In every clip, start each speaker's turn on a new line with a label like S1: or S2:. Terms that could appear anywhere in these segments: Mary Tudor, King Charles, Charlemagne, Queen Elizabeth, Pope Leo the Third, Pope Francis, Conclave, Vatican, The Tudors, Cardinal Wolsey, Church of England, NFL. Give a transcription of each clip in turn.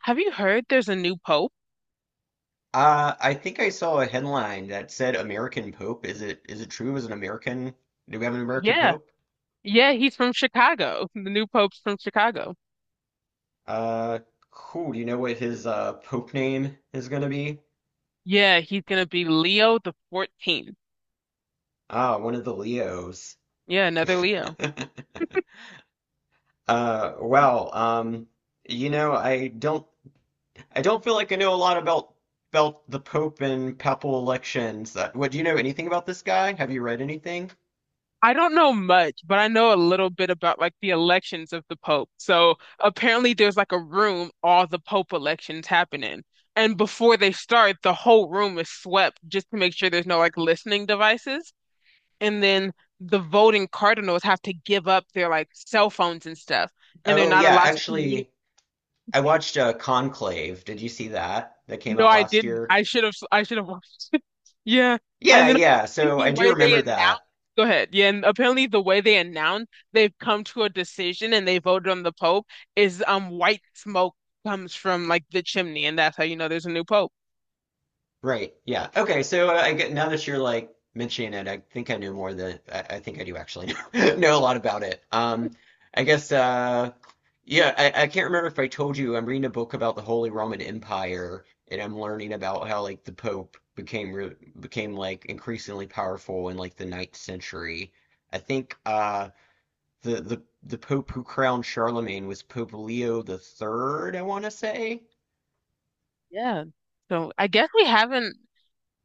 S1: Have you heard there's a new pope?
S2: I think I saw a headline that said American Pope. Is it true? Is an American? Do we have an American
S1: Yeah.
S2: Pope?
S1: Yeah, he's from Chicago. The new pope's from Chicago.
S2: Uh, cool. Do you know what his Pope name is gonna be?
S1: Yeah, he's gonna be Leo the 14th.
S2: Ah, one of the Leos.
S1: Yeah, another Leo.
S2: Uh, well, um, you know, I don't I don't feel like I know a lot about the Pope and papal elections. What do you know anything about this guy? Have you read anything?
S1: I don't know much, but I know a little bit about like the elections of the pope. So apparently there's like a room all the pope elections happen in. And before they start, the whole room is swept just to make sure there's no like listening devices. And then the voting cardinals have to give up their like cell phones and stuff, and they're
S2: Oh
S1: not
S2: yeah,
S1: allowed to communicate.
S2: actually, I watched Conclave. Did you see that? That came
S1: No,
S2: out
S1: I
S2: last
S1: didn't.
S2: year.
S1: I should have. I should have watched it. Yeah,
S2: Yeah,
S1: and then
S2: yeah.
S1: apparently
S2: So
S1: the
S2: I do
S1: way they
S2: remember that.
S1: announced. Go ahead. Yeah, and apparently the way they announced they've come to a decision and they voted on the Pope is white smoke comes from like the chimney, and that's how you know there's a new Pope.
S2: Right. Yeah. Okay. So I get now that you're like mentioning it, I think I know more than I think I do actually know, know a lot about it. I guess. Uh, yeah. I can't remember if I told you I'm reading a book about the Holy Roman Empire, and I'm learning about how like the Pope became like increasingly powerful in like the ninth century. I think The Pope who crowned Charlemagne was Pope Leo the Third, I want to say.
S1: Yeah. So I guess we haven't.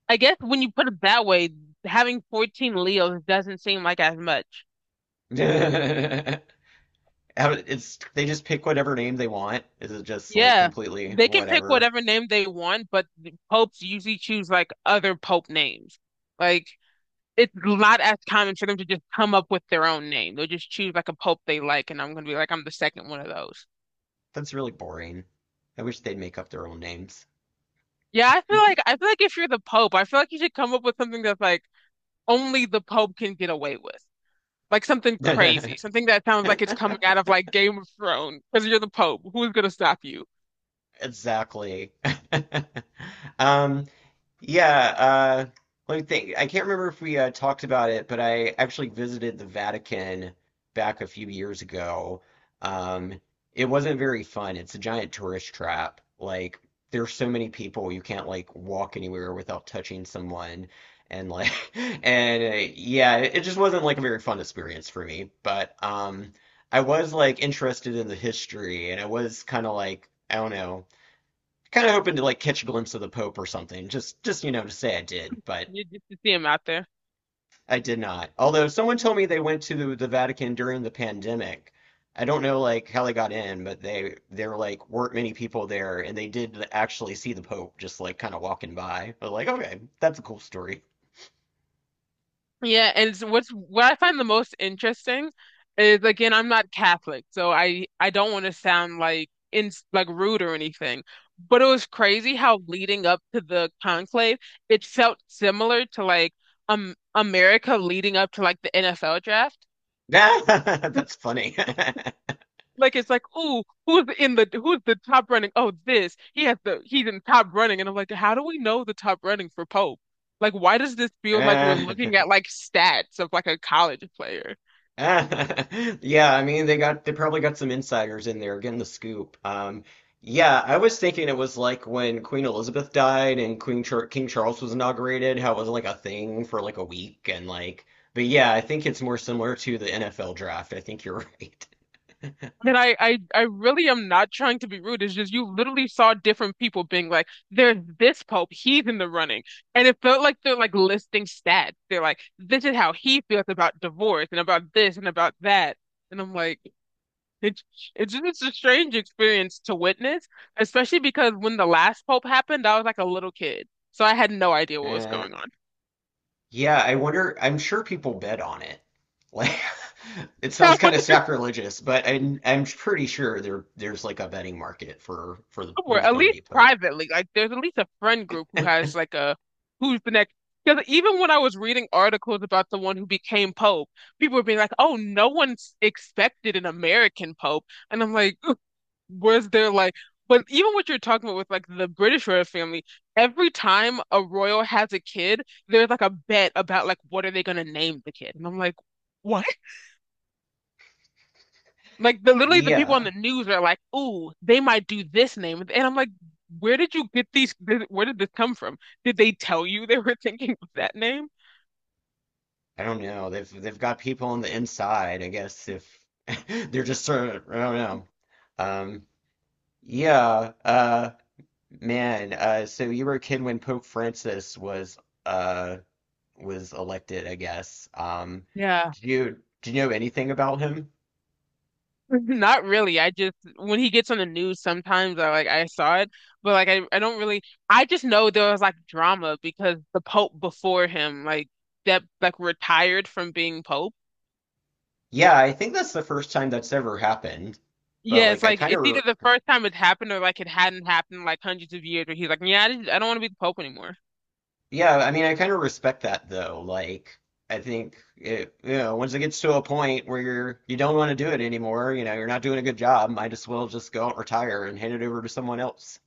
S1: I guess when you put it that way, having 14 Leos doesn't seem like as much.
S2: It's they just pick whatever name they want. Is it just like
S1: Yeah,
S2: completely
S1: they can pick
S2: whatever?
S1: whatever name they want, but the popes usually choose like other pope names. Like, it's not as common for them to just come up with their own name. They'll just choose like a pope they like, and I'm gonna be like, I'm the second one of those.
S2: That's really boring. I wish they'd make up their own names.
S1: Yeah, I feel like if you're the pope, I feel like you should come up with something that's like only the pope can get away with, like something crazy, something that sounds like it's coming out of like Game of Thrones, because you're the pope. Who's gonna stop you?
S2: Exactly. Um, yeah, uh, let me think. I can't remember if we talked about it, but I actually visited the Vatican back a few years ago. Um, it wasn't very fun. It's a giant tourist trap. Like, there's so many people, you can't like walk anywhere without touching someone. And like, and yeah, it just wasn't like a very fun experience for me. But I was like interested in the history, and I was kind of like, I don't know kind of hoping to like catch a glimpse of the Pope or something, just you know to say I did, but
S1: You just to see him out there.
S2: I did not. Although someone told me they went to the Vatican during the pandemic. I don't know like how they got in, but they there like weren't many people there, and they did actually see the Pope just like kind of walking by. But like, okay, that's a cool story.
S1: Yeah, and it's what I find the most interesting is, again, I'm not Catholic, so I don't want to sound like in like rude or anything, but it was crazy how leading up to the conclave, it felt similar to like America leading up to like the NFL draft.
S2: That's funny.
S1: Like it's like, ooh, who's in the who's the top running? Oh, this he has the he's in top running, and I'm like, how do we know the top running for Pope? Like, why does this feel like we're
S2: Eh.
S1: looking at like stats of like a college player?
S2: Yeah, I mean they probably got some insiders in there getting the scoop. Yeah, I was thinking it was like when Queen Elizabeth died and Queen Char King Charles was inaugurated, how it was like a thing for like a week and like, but yeah, I think it's more similar to the NFL draft. I think you're right.
S1: And I really am not trying to be rude. It's just you literally saw different people being like, "There's this pope, he's in the running," and it felt like they're like listing stats. They're like, "This is how he feels about divorce and about this and about that," and I'm like, "It's it's just it's a strange experience to witness, especially because when the last pope happened, I was like a little kid, so I had no idea what was
S2: Uh,
S1: going
S2: yeah, I wonder. I'm sure people bet on it. Like, it
S1: on."
S2: sounds kind of sacrilegious, but I'm pretty sure there's like a betting market for
S1: Somewhere,
S2: who's
S1: at
S2: going to
S1: least
S2: be Pope.
S1: privately. Like there's at least a friend group who has like a who's the next. Because even when I was reading articles about the one who became Pope, people were being like, "Oh, no one's expected an American Pope," and I'm like, "Was there like?" But even what you're talking about with like the British royal family, every time a royal has a kid, there's like a bet about like what are they gonna name the kid, and I'm like, "What?" Like the literally the people on
S2: Yeah.
S1: the news are like, "Ooh, they might do this name," and I'm like, "Where did you get these? Where did this come from? Did they tell you they were thinking of that name?"
S2: I don't know. They've got people on the inside, I guess, if they're just sort of, I don't know. Um, yeah, uh, so you were a kid when Pope Francis uh was elected, I guess.
S1: Yeah.
S2: Did you know anything about him?
S1: Not really. I just when he gets on the news sometimes I like I saw it, but like I don't really I just know there was like drama because the Pope before him like that like retired from being Pope.
S2: Yeah, I think that's the first time that's ever happened. But
S1: Yeah, it's
S2: like I
S1: like
S2: kind
S1: it's either
S2: of.
S1: the first time it happened or like it hadn't happened like hundreds of years where he's like, yeah, I just, I don't want to be the Pope anymore.
S2: Yeah, I mean, I kind of respect that though. Like, I think it, you know, once it gets to a point where you're you don't want to do it anymore, you know, you're not doing a good job, might as well just go out and retire and hand it over to someone else.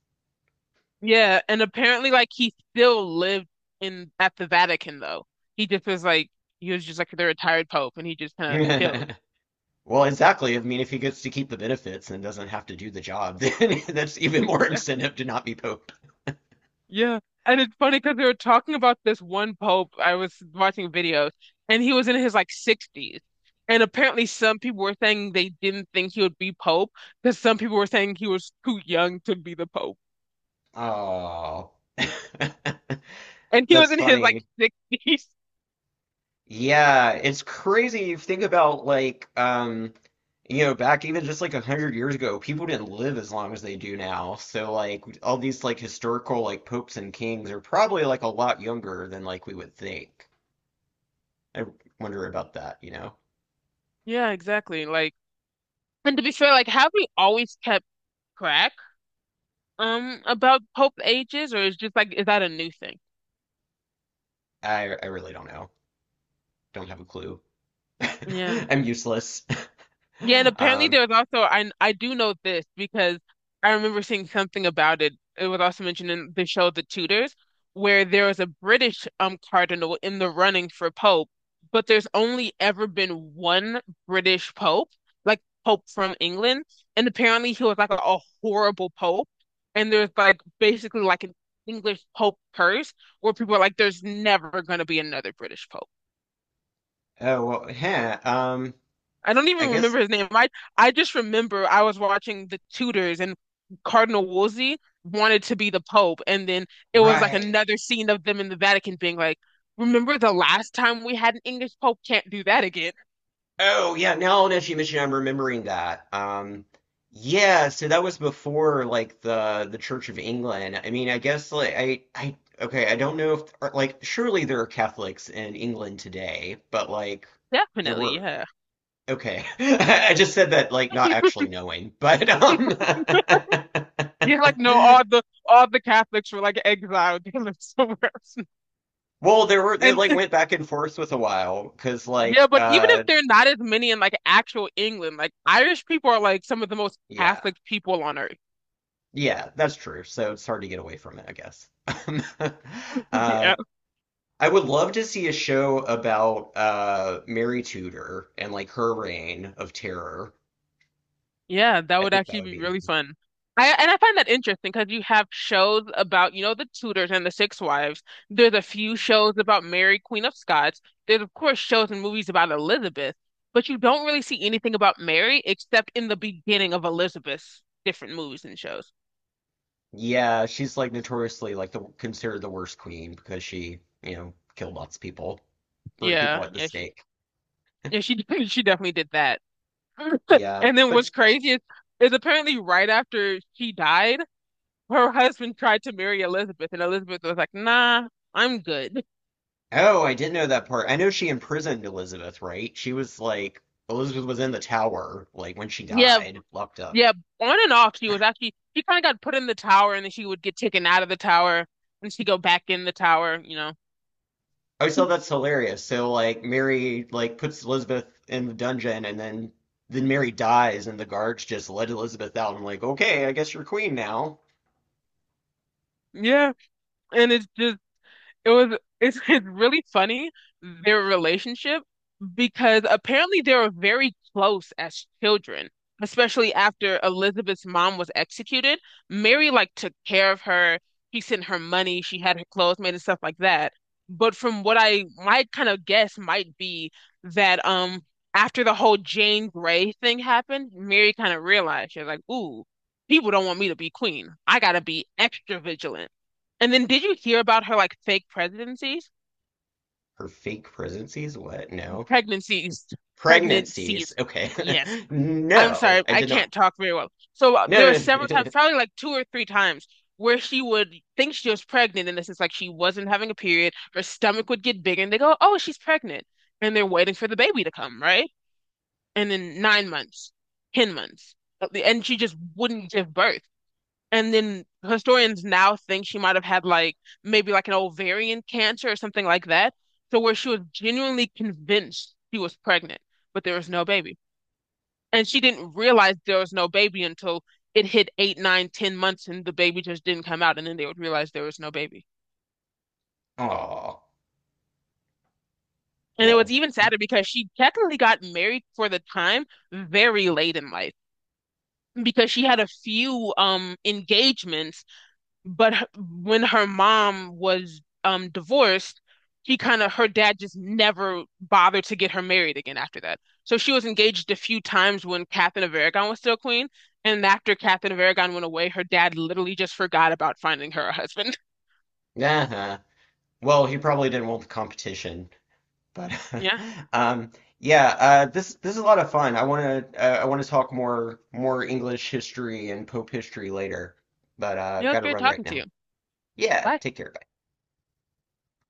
S1: Yeah, and apparently like he still lived in at the Vatican though. He just was like he was just like the retired pope and he just kind of chilled.
S2: Well, exactly. I mean, if he gets to keep the benefits and doesn't have to do the job, then that's even more
S1: Yeah.
S2: incentive to not be Pope.
S1: Yeah. And it's funny because they were talking about this one pope. I was watching videos and he was in his like 60s. And apparently some people were saying they didn't think he would be pope because some people were saying he was too young to be the pope.
S2: Oh,
S1: And he was
S2: that's
S1: in his like
S2: funny.
S1: 60s.
S2: Yeah, it's crazy. You think about like you know, back even just like a hundred years ago, people didn't live as long as they do now. So like all these like historical like popes and kings are probably like a lot younger than like we would think. I wonder about that, you know.
S1: Yeah, exactly. Like and to be fair, like have we always kept track? About Pope ages, or is just like is that a new thing?
S2: I really don't know. Don't have a clue.
S1: Yeah,
S2: I'm useless.
S1: yeah, and apparently
S2: Um
S1: there was also I do know this because I remember seeing something about it. It was also mentioned in the show The Tudors, where there was a British cardinal in the running for Pope, but there's only ever been one British Pope, like Pope from England, and apparently he was like a horrible Pope, and there's like basically like an English Pope curse where people are like, there's never going to be another British Pope.
S2: oh well, heh,
S1: I don't
S2: I
S1: even
S2: guess.
S1: remember his name. I just remember I was watching the Tudors and Cardinal Wolsey wanted to be the Pope, and then it was like
S2: Right.
S1: another scene of them in the Vatican being like, "Remember the last time we had an English Pope? Can't do that again."
S2: Oh yeah, now that you mention, it, I'm remembering that. Yeah, so that was before like the Church of England. I mean, I guess like I okay, I don't know if or, like surely there are Catholics in England today, but like there
S1: Definitely,
S2: were
S1: yeah.
S2: okay. I just said that like not actually knowing, but
S1: Yeah, like no, all the Catholics were like exiled. They lived somewhere else.
S2: well, there were they
S1: And
S2: like
S1: it's-
S2: went back and forth with a while because
S1: yeah,
S2: like
S1: but even if they're not as many in like actual England, like Irish people are like some of the most
S2: yeah.
S1: Catholic people on earth.
S2: Yeah, that's true. So it's hard to get away from it, I guess. Uh, I would love to see a show about Mary Tudor and like her reign of terror.
S1: Yeah, that
S2: I
S1: would
S2: think that
S1: actually
S2: would
S1: be
S2: be.
S1: really fun. I and I find that interesting because you have shows about, you know, the Tudors and the Six Wives. There's a few shows about Mary, Queen of Scots. There's of course shows and movies about Elizabeth, but you don't really see anything about Mary except in the beginning of Elizabeth's different movies and shows.
S2: Yeah, she's like notoriously like the considered the worst queen because she, you know, killed lots of people, burned people
S1: Yeah,
S2: at the stake.
S1: yeah, she she definitely did that.
S2: Yeah,
S1: And then what's
S2: but
S1: crazy is apparently right after she died, her husband tried to marry Elizabeth, and Elizabeth was like, "Nah, I'm good."
S2: oh, I didn't know that part. I know she imprisoned Elizabeth, right? She was like Elizabeth was in the tower like when she
S1: Yeah.
S2: died, locked up.
S1: Yeah, on and off she was actually she kind of got put in the tower and then she would get taken out of the tower and she go back in the tower, you know.
S2: I always thought that's hilarious. So like Mary like puts Elizabeth in the dungeon and then Mary dies and the guards just let Elizabeth out. I'm like, okay, I guess you're queen now.
S1: Yeah, and it's just it was it's, it's really funny their relationship because apparently they were very close as children, especially after Elizabeth's mom was executed. Mary like took care of her. He sent her money. She had her clothes made and stuff like that. But from what I might kind of guess might be that after the whole Jane Grey thing happened, Mary kind of realized she was like, "Ooh, people don't want me to be queen. I gotta be extra vigilant." And then did you hear about her like fake presidencies?
S2: Her fake pregnancies? What? No.
S1: Pregnancies.
S2: Pregnancies.
S1: Pregnancies.
S2: Okay.
S1: Yes. I'm sorry,
S2: No, I
S1: I
S2: did not.
S1: can't talk very well. So
S2: No.
S1: there were several times,
S2: No.
S1: probably like two or three times, where she would think she was pregnant, and this is like she wasn't having a period. Her stomach would get bigger, and they go, "Oh, she's pregnant," and they're waiting for the baby to come, right? And then 9 months, 10 months, and she just wouldn't give birth. And then historians now think she might have had like maybe like an ovarian cancer or something like that. So where she was genuinely convinced she was pregnant, but there was no baby. And she didn't realize there was no baby until it hit eight, nine, 10 months and the baby just didn't come out. And then they would realize there was no baby.
S2: Oh,
S1: And it was
S2: well.
S1: even sadder because she technically got married for the time very late in life because she had a few engagements. But when her mom was divorced, he kind of her dad just never bothered to get her married again after that. So she was engaged a few times when Catherine of Aragon was still queen, and after Catherine of Aragon went away, her dad literally just forgot about finding her a husband.
S2: Uh-huh. Well, he probably didn't want the competition. But
S1: Yeah,
S2: um, yeah, this is a lot of fun. I want to talk more English history and Pope history later, but
S1: yeah, it was
S2: got to
S1: great
S2: run right
S1: talking to
S2: now.
S1: you.
S2: Yeah,
S1: Bye.
S2: take care.